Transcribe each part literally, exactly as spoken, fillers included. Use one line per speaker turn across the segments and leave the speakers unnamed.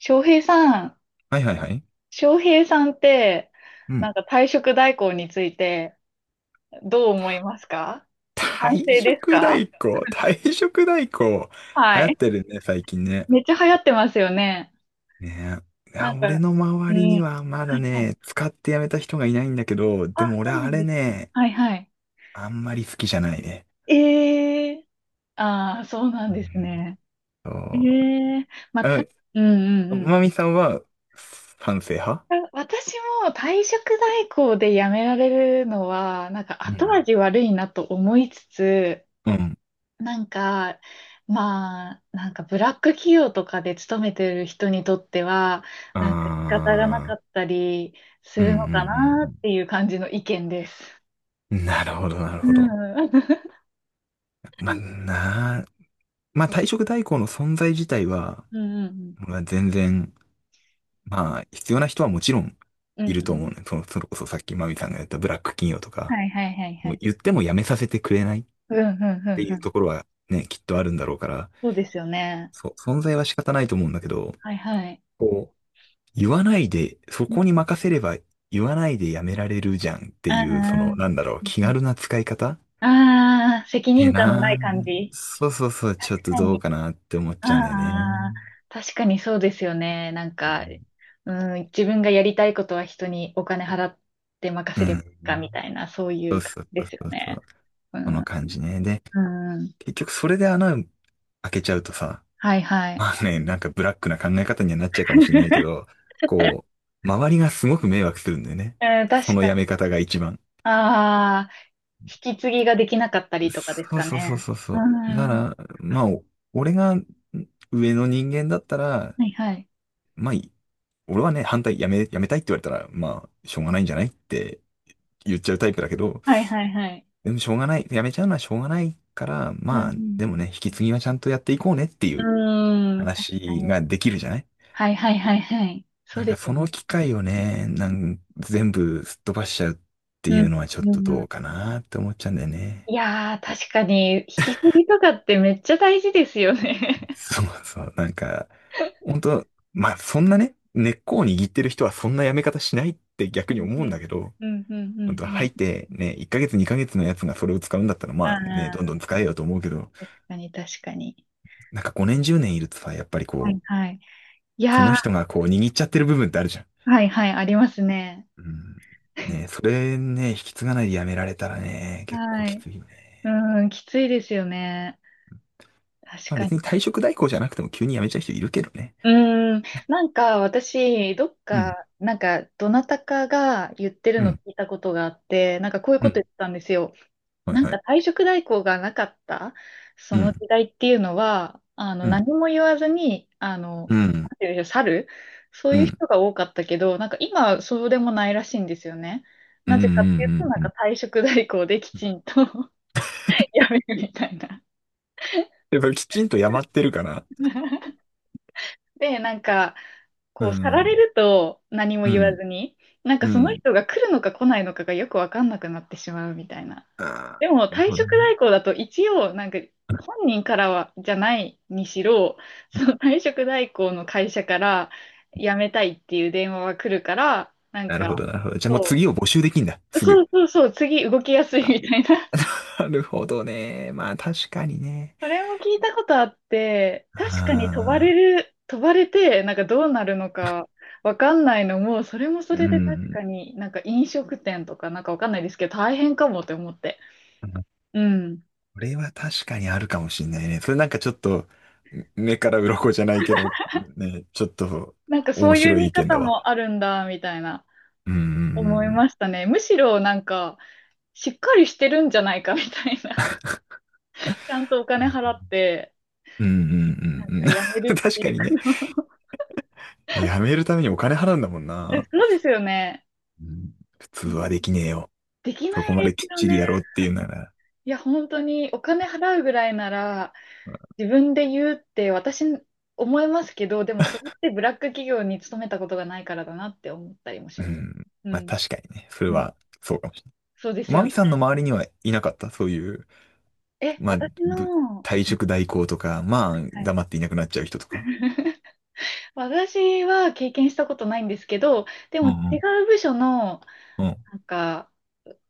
翔平さん、
はいはいはい。
翔平さんって、
う
な
ん。
んか退職代行についてどう思いますか？賛
退
成です
職
か？
代行、退職代行、流
は
行っ
い。
てるね、最近ね。
めっちゃ流行ってますよね。
ねえ。い
な
や、
ん
俺
か、
の
う
周り
ん。は
にはまだ
いはい。
ね、使ってやめた人がいないんだけど、
あ、
でも俺
そうな
あ
ん
れ
ですか。
ね、
はいはい。
あんまり好きじゃないね。
ええー、ああー、そうな
う
んです
ん。
ね。
そ
え
う。
えー、まあ、た、うんうんうん。
まみさんは賛成派？
私も退職代行で辞められるのは、なんか
う
後
ん
味悪いなと思いつつ、
うん。
なんか、まあ、なんかブラック企業とかで勤めてる人にとっては、なんか仕方がな
あ
か
あ、
ったりす
うんうん
る
う
のかなっ
ん
ていう感じの意見です。
うん。なるほど、なるほど。
うん。
まあ、なあ、まあ退職代行の存在自体は、
うんうん
俺は全然、まあ、必要な人はもちろん
うん。
い
うん
ると
うん。
思うね。その、それこそさっきマミさんが言ったブラック企業とか、
はいはいはいは
もう
い。
言ってもやめさせてくれないっ
うんうん
て
う
い
んう
う
ん。
ところはね、きっとあるんだろうから、
そうですよね。
そう、存在は仕方ないと思うんだけど、
はいはい。
こう、言わないで、そこに任せれば言わないでやめられるじゃんっていう、その、
ああ、
なんだろう、
うん
気
うん。
軽な使い方っ
ああ、責
て
任感のな
な、
い感じ。
そうそうそう、ちょっ
確
と
か
どう
に。
かなって思っ
あ
ちゃうんだよね。
あ、確かにそうですよね。なん
う
か、
ん。
うん、自分がやりたいことは人にお金払って任
う
せればい
ん。
いかみたいな、そう
そ
い
う
う感
そう
じ
そ
で
う
すよ
そうそ
ね。
う。
う
この
ん、
感じね。で、
うん、
結局それで穴開けちゃうとさ、
はいはい。
まあね、なんかブラックな考え方にはなっちゃうかもしんないけ ど、こう、周りがすごく迷惑するんだよね。
うん、
そ
確
の
か
や
に。
め方が一番。
ああ、引き継ぎができなかったりとかです
そう
か
そうそう
ね。
そうそ
う
う。だか
ん、
ら、まあ、お俺がん上の人間だったら、
はいはい。
まあ、い俺はね、反対、やめ、やめたいって言われたら、まあ、しょうがないんじゃないって言っちゃうタイプだけど、
はいはいはい。
でもしょうがない、やめちゃうのはしょうがないから、
う
まあ、
ん、
でもね、引き継ぎはちゃんとやっていこうねってい
う
う
ん、うん、確か
話
に。
ができるじゃない。
はいはいはいはい。そう
なんか
です
そ
よ
の
ね。
機会をね、なん全部すっ飛ばしちゃうってい
う
う
ん、
のはちょっと
う
ど
ん、
うかなって思っちゃうんだよね。
いやー、確かに、引き継ぎとかってめっちゃ大事ですよね。
そうそう、なんか、本当、まあそんなね、根っこを握ってる人はそんなやめ方しないって
う
逆に
ん
思
う
うん
ん
だけど、
うんう
本
ん
当
う
入
ん
っ
うん。
てね、いっかげつにかげつのやつがそれを使うんだったら
あ
まあね、どんど
あ、
ん使えよと思うけど、
確かに確かに。
なんかごねんじゅうねんいるとさ、やっぱり
はい
こ
はい。い
う、そ
や
の
ー、
人がこう握っちゃってる部分ってあるじゃん。
はいはい、ありますね。
うん。ね、それね、引き継がないでやめられたらね、結構
は
き
い。
ついね。
うん、きついですよね。確
まあ
か
別
に
に退
な。
職代行じゃなくても急に辞めちゃう人いるけどね。
うん、なんか私、どっ
うん。
か、なんか、どなたかが言ってる
う
の
ん。
聞いたことがあって、なんかこういう
う
こと言
ん。
ってたんですよ。
はい
なん
は
か
い。
退職代行がなかったそ
う
の
ん。
時代っていうのは、あの、
うん。
何も言わずに、あの、
う
な
ん。
んていうんでしょう、去るそう
う
いう
ん。
人が多かったけど、なんか今はそうでもないらしいんですよね。
うん。
な
うん。
ぜかっていうと、な
う
ん
ん。うん。
か退職代行できちんと やめるみたいな。
やっぱりきちんとやまってるから。
で、なんか、
う
こう、去られ
ん。
ると何も
う
言わ
ん。
ずに、なんか
う
その
ん。
人が来るのか来ないのかがよくわかんなくなってしまうみたいな。
ああ、
でも
なる
退
ほど
職
ね。
代行だと一応なんか本人からはじゃないにしろ、その退職代行の会社から辞めたいっていう電話は来るから、なん
なるほ
か、
ど、なるほど。じゃあもう
そ
次を募集できんだ。
う、
す
そ
ぐ。
うそうそう、次動きやすい
あ、
みたいな。
なるほどね。まあ確かにね。
それも聞いたことあって、確かに飛ばれ
ああ、
る、飛ばれて、なんかどうなるのかわかんないのも、それもそ
う
れで確
ん。
かになんか飲食店とかなんかわかんないですけど、大変かもって思って。うん。
これは確かにあるかもしんないね。それなんかちょっと、め目から鱗じゃないけど、ね、ちょっと
なんかそ
面
ういう
白い
見
意見
方
だ
も
わ。
あるんだ、みたいな。
うんう
思い
ん
ましたね。むしろなんか、しっかりしてるんじゃないかみたいな。ちゃんとお
う
金
んう
払
ん。
って、
うんうん
なん
う
か
ん
やめ
うん。
るっ
確
てい
か
う
に
か
ね。やめるためにお金払うんだもん
え
な。
そうですよね。
うん。普通
う
はで
ん、
きねえよ。
でき
そ
な
こ
い
ま
で
で
す
きっ
よ
ち
ね。
りやろうっていうなら。
いや、本当にお金払うぐらいなら、自分で言うって私思いますけど、でもそれってブラック企業に勤めたことがないからだなって思ったりも
う
します。
ん。
う
まあ
ん。
確かにね。それ
うん、
はそうかもしれない。
そうです
マ
よ
ミ
ね。
さんの周りにはいなかった？そういう、
え、
まあ、
私
ぶ
の、
退職代行とか、まあ、
はい。
黙っていなくなっちゃう人とか。
私は経験したことないんですけど、で
う
も違
ん
う部署の、
うん。うん。
なんか、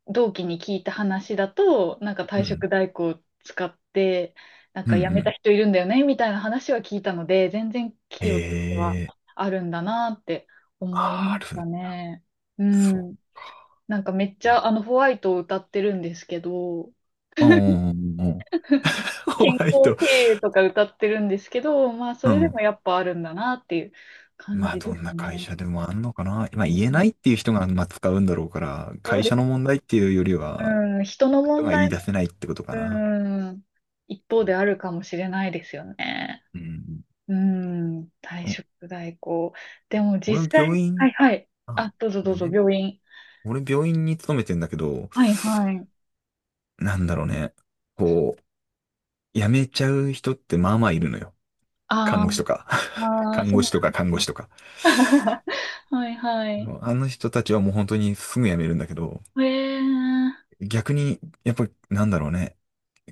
同期に聞いた話だと、なんか
う
退
ん
職代行を使って、なん
うん
か
う
辞めた
ん。
人いるんだよね、みたいな話は聞いたので、全然
へ
企業は
え、
あるんだなって思いま
あー
し
あ
た
る、
ね。う
そ
ん。なんかめっち
う。うん
ゃ、あの、ホワイトを歌ってるんですけど、
うんうんうんうん。ホ
健
ワイ
康
ト。
経営とか歌ってるんですけど、まあ、そ
う
れで
ん。
もやっぱあるんだなっていう感
まあ、
じ
ど
で
ん
す
な会
ね。
社でもあんのかな。まあ、
う
言えな
ん、
いっていう人が、まあ、使うんだろうから、
そう
会
で
社の
す。
問題っていうよりは、
うん、人の
人
問
が言い
題
出せ
も、
ないってことか
う
な。
ん、一方
は
であ
い。
るかもしれないですよね。
うん。
うん、退
うん。
職代行。でも
俺、
実
病
際、は
院、
いはい。
あ、
あ、どうぞ
ご
ど
め
う
ん
ぞ、
ね。
病院。
俺、病院に勤めてんだけど、
はいはい。
なんだろうね。こう、辞めちゃう人ってまあまあいるのよ。看
あ
護
ー、
師とか。
まあー、
看
そう
護
な
師と
ん
か
で
看
す
護
ね。
師とか。
はいはい。
あの人たちはもう本当にすぐ辞めるんだけど、
えー、
逆に、やっぱりなんだろうね、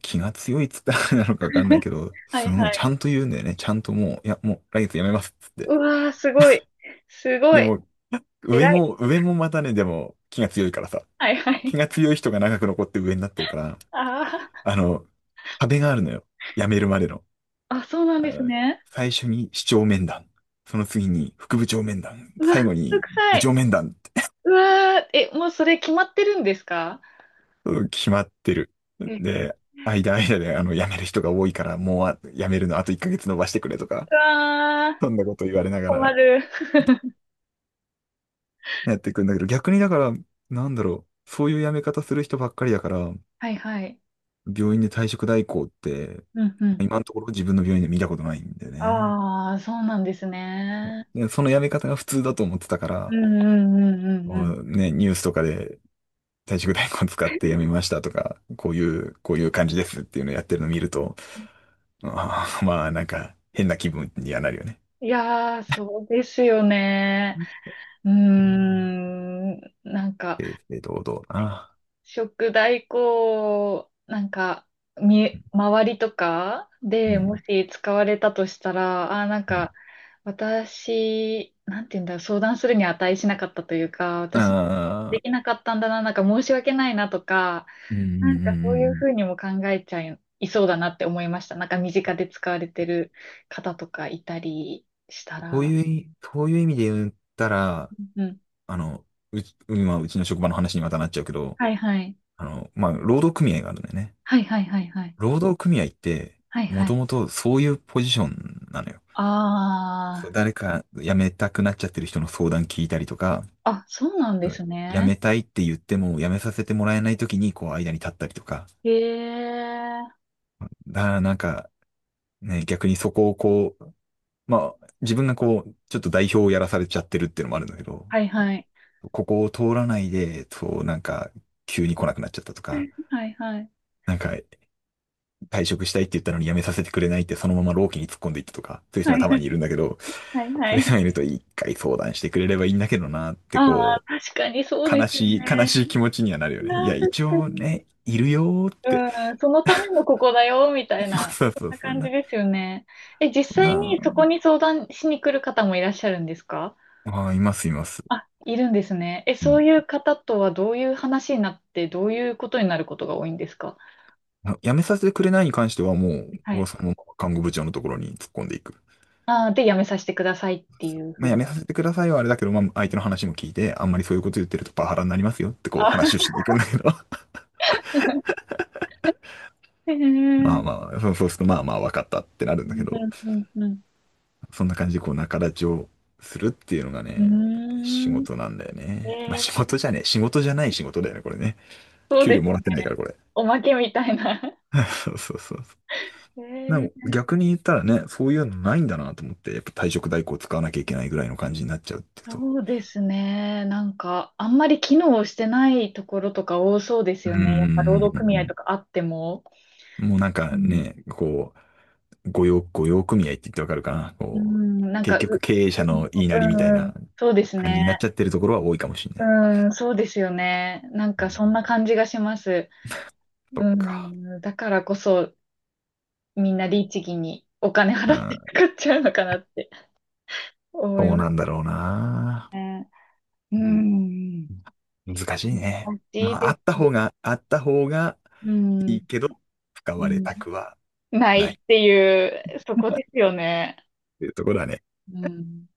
気が強いっつったらあれ なのかわかんないけ ど、
はい
すごい
は
ち
い。
ゃんと言うんだよね。ちゃんともう、いや、もう来月辞めますっつって。
うわー、すごい。すご
で
い。
も、上
偉い。
も、上もまたね、でも気が強いからさ。
はいは
気
い。
が強い人が長く残って上になってるから、
あ
あの、壁があるのよ。辞めるまでの。
ーあ、そうなん
あ
です
の、
ね。
最初に市長面談。その次に副部長面談。
うわ、
最
めん
後
ど
に
くさ
部長
い。
面談。
うわー、え、もうそれ決まってるんですか？
うん、決まってる。
え、
で、間間であの辞める人が多いから、もうあ辞めるのあといっかげつ延ばしてくれとか、
うわー、
そんなこと言われなが
困
ら
る。
やっていくんだけど、逆にだから、なんだろう、そういう辞め方する人ばっかりだから、
はいはい。
病院で退職代行って、
うんうん。
今のところ自分の病院で見たことないんでね。
ああ、そうなんですね。
でその辞め方が普通だと思ってたか
う
ら、
んうんうん
こ
うん
う
うん。
ね、ニュースとかで退職代行使って辞めましたとか、こういう、こういう感じですっていうのをやってるのを見ると、あー まあ、なんか、変な気分にはなるよね。
いやー、そうですよね。
うん、
うーん、なんか、
正々堂々な。
食代行、なんか、
う
み、
ん。
周りとかでもし使われたとしたら、あー、なん
うん。うん。
か、私、なんて言うんだろう、相談するに値しなかったというか、私、
あ
で
あ、
きなかったんだな、なんか申し訳ないなとか、
うん、うん、
な
う
ん
ん。
かそ
う
ういう
ん。
ふうにも考えちゃいそうだなって思いました。なんか身近で使われてる方とかいたりした
そう
ら。
いうい、そういう意味で言ったら、
うん。
あの、うち、今、うちの職場の話にまたなっちゃうけど、
はいはい。
あの、まあ、労働組合があるんだよね。
はいはいはいはい。
労働組合って、
はい
も
はい。
ともとそういうポジションなのよ。そう、
あ
誰か辞めたくなっちゃってる人の相談聞いたりとか、
あ。あ、そうなんで
そう
す
辞
ね。
めたいって言っても辞めさせてもらえない時にこう間に立ったりとか。
へえ。
だからなんかね、逆にそこをこう、まあ自分がこう、ちょっと代表をやらされちゃってるっていうのもあるんだけど、
はいはい。
ここを通らないで、そうなんか急に来なくなっちゃったとか、
はいはい。
なんか退職したいって言ったのに辞めさせてくれないってそのまま老期に突っ込んでいったとか、そういう人
は
が
い
たまにいるん
は
だけど、
いは
そう
い
いう
は
人
い。
がいると一回相談してくれればいいんだけどなっ
あ
て
あ、
こ
確かにそう
う、
で
悲
すよ
しい、悲
ね。
しい気持ちにはなるよね。い
ああ、
や、
確
一
か
応
に。
ね、いるよーって。
うん、そのためのここだよ、みた いな、
そう
そん
そう
な
そう。
感じ
な、
ですよね。え、実際にそこ
な
に相談しに来る方もいらっしゃるんですか？
あ、あー、います、います。
あ、いるんですね。え、
う
そ
ん。
ういう方とはどういう話になって、どういうことになることが多いんですか？
あ辞めさせてくれないに関してはもう、
は
俺は
い。
そのまま看護部長のところに突っ込んでいく。
あー、で、やめさせてくださいっていうふ
ま
う
あ、辞
に。
めさせてくださいはあれだけど、まあ、相手の話も聞いて、あんまりそういうこと言ってるとパワハラになりますよってこう話
あ、
をしに行くんだけど。
へえ、う
まあ
ん
まあ、そうそうすると、まあまあ、わかったってなるん
う
だけど、
んうん
そんな感じでこう仲立ちをするっていうのが
う
ね、仕
ん。うーん、
事なんだよね。まあ
え
仕
ー、
事じゃねえ、仕事じゃない仕事だよね、これね。
そう
給
で
料
す。
もらってないから、これ。
おまけみたいな。
そうそうそう。
え
でも
ー、
逆に言ったらね、そういうのないんだなと思って、やっぱ退職代行使わなきゃいけないぐらいの感じになっちゃうっていうと。
そうですね。なんか、あんまり機能してないところとか多そうです
う
よね。やっぱ労
ー
働組合
ん。
とかあっても。
もうなん
う
か
ん。
ね、こう、御用、御用組合って言ってわかるかな。
う
こう、
ん、なん
結
か、
局
う、
経営者の言い
う
なりみたい
ん、うん
な
そうです
感じになっ
ね。
ちゃってるところは多いかもしれない。
うん、そうですよね。なん
う
か、
ん。
そんな感じがします。
そ
う
っか。
ん、だからこそ、みんな律儀にお金
う
払っ
ん。
てかっちゃうのかなって思い
そう
ま
なんだ
す
ろうな。
ね。う
う
ん、
ん、難しいね。
難し
ま
い
あ、あ
で
った
す。
方が、あった方が
うん、
いいけど、使
う
われ
ん、
たくは
な
な
い
い。
っていう、そこですよね。
っていうところはね、
うん。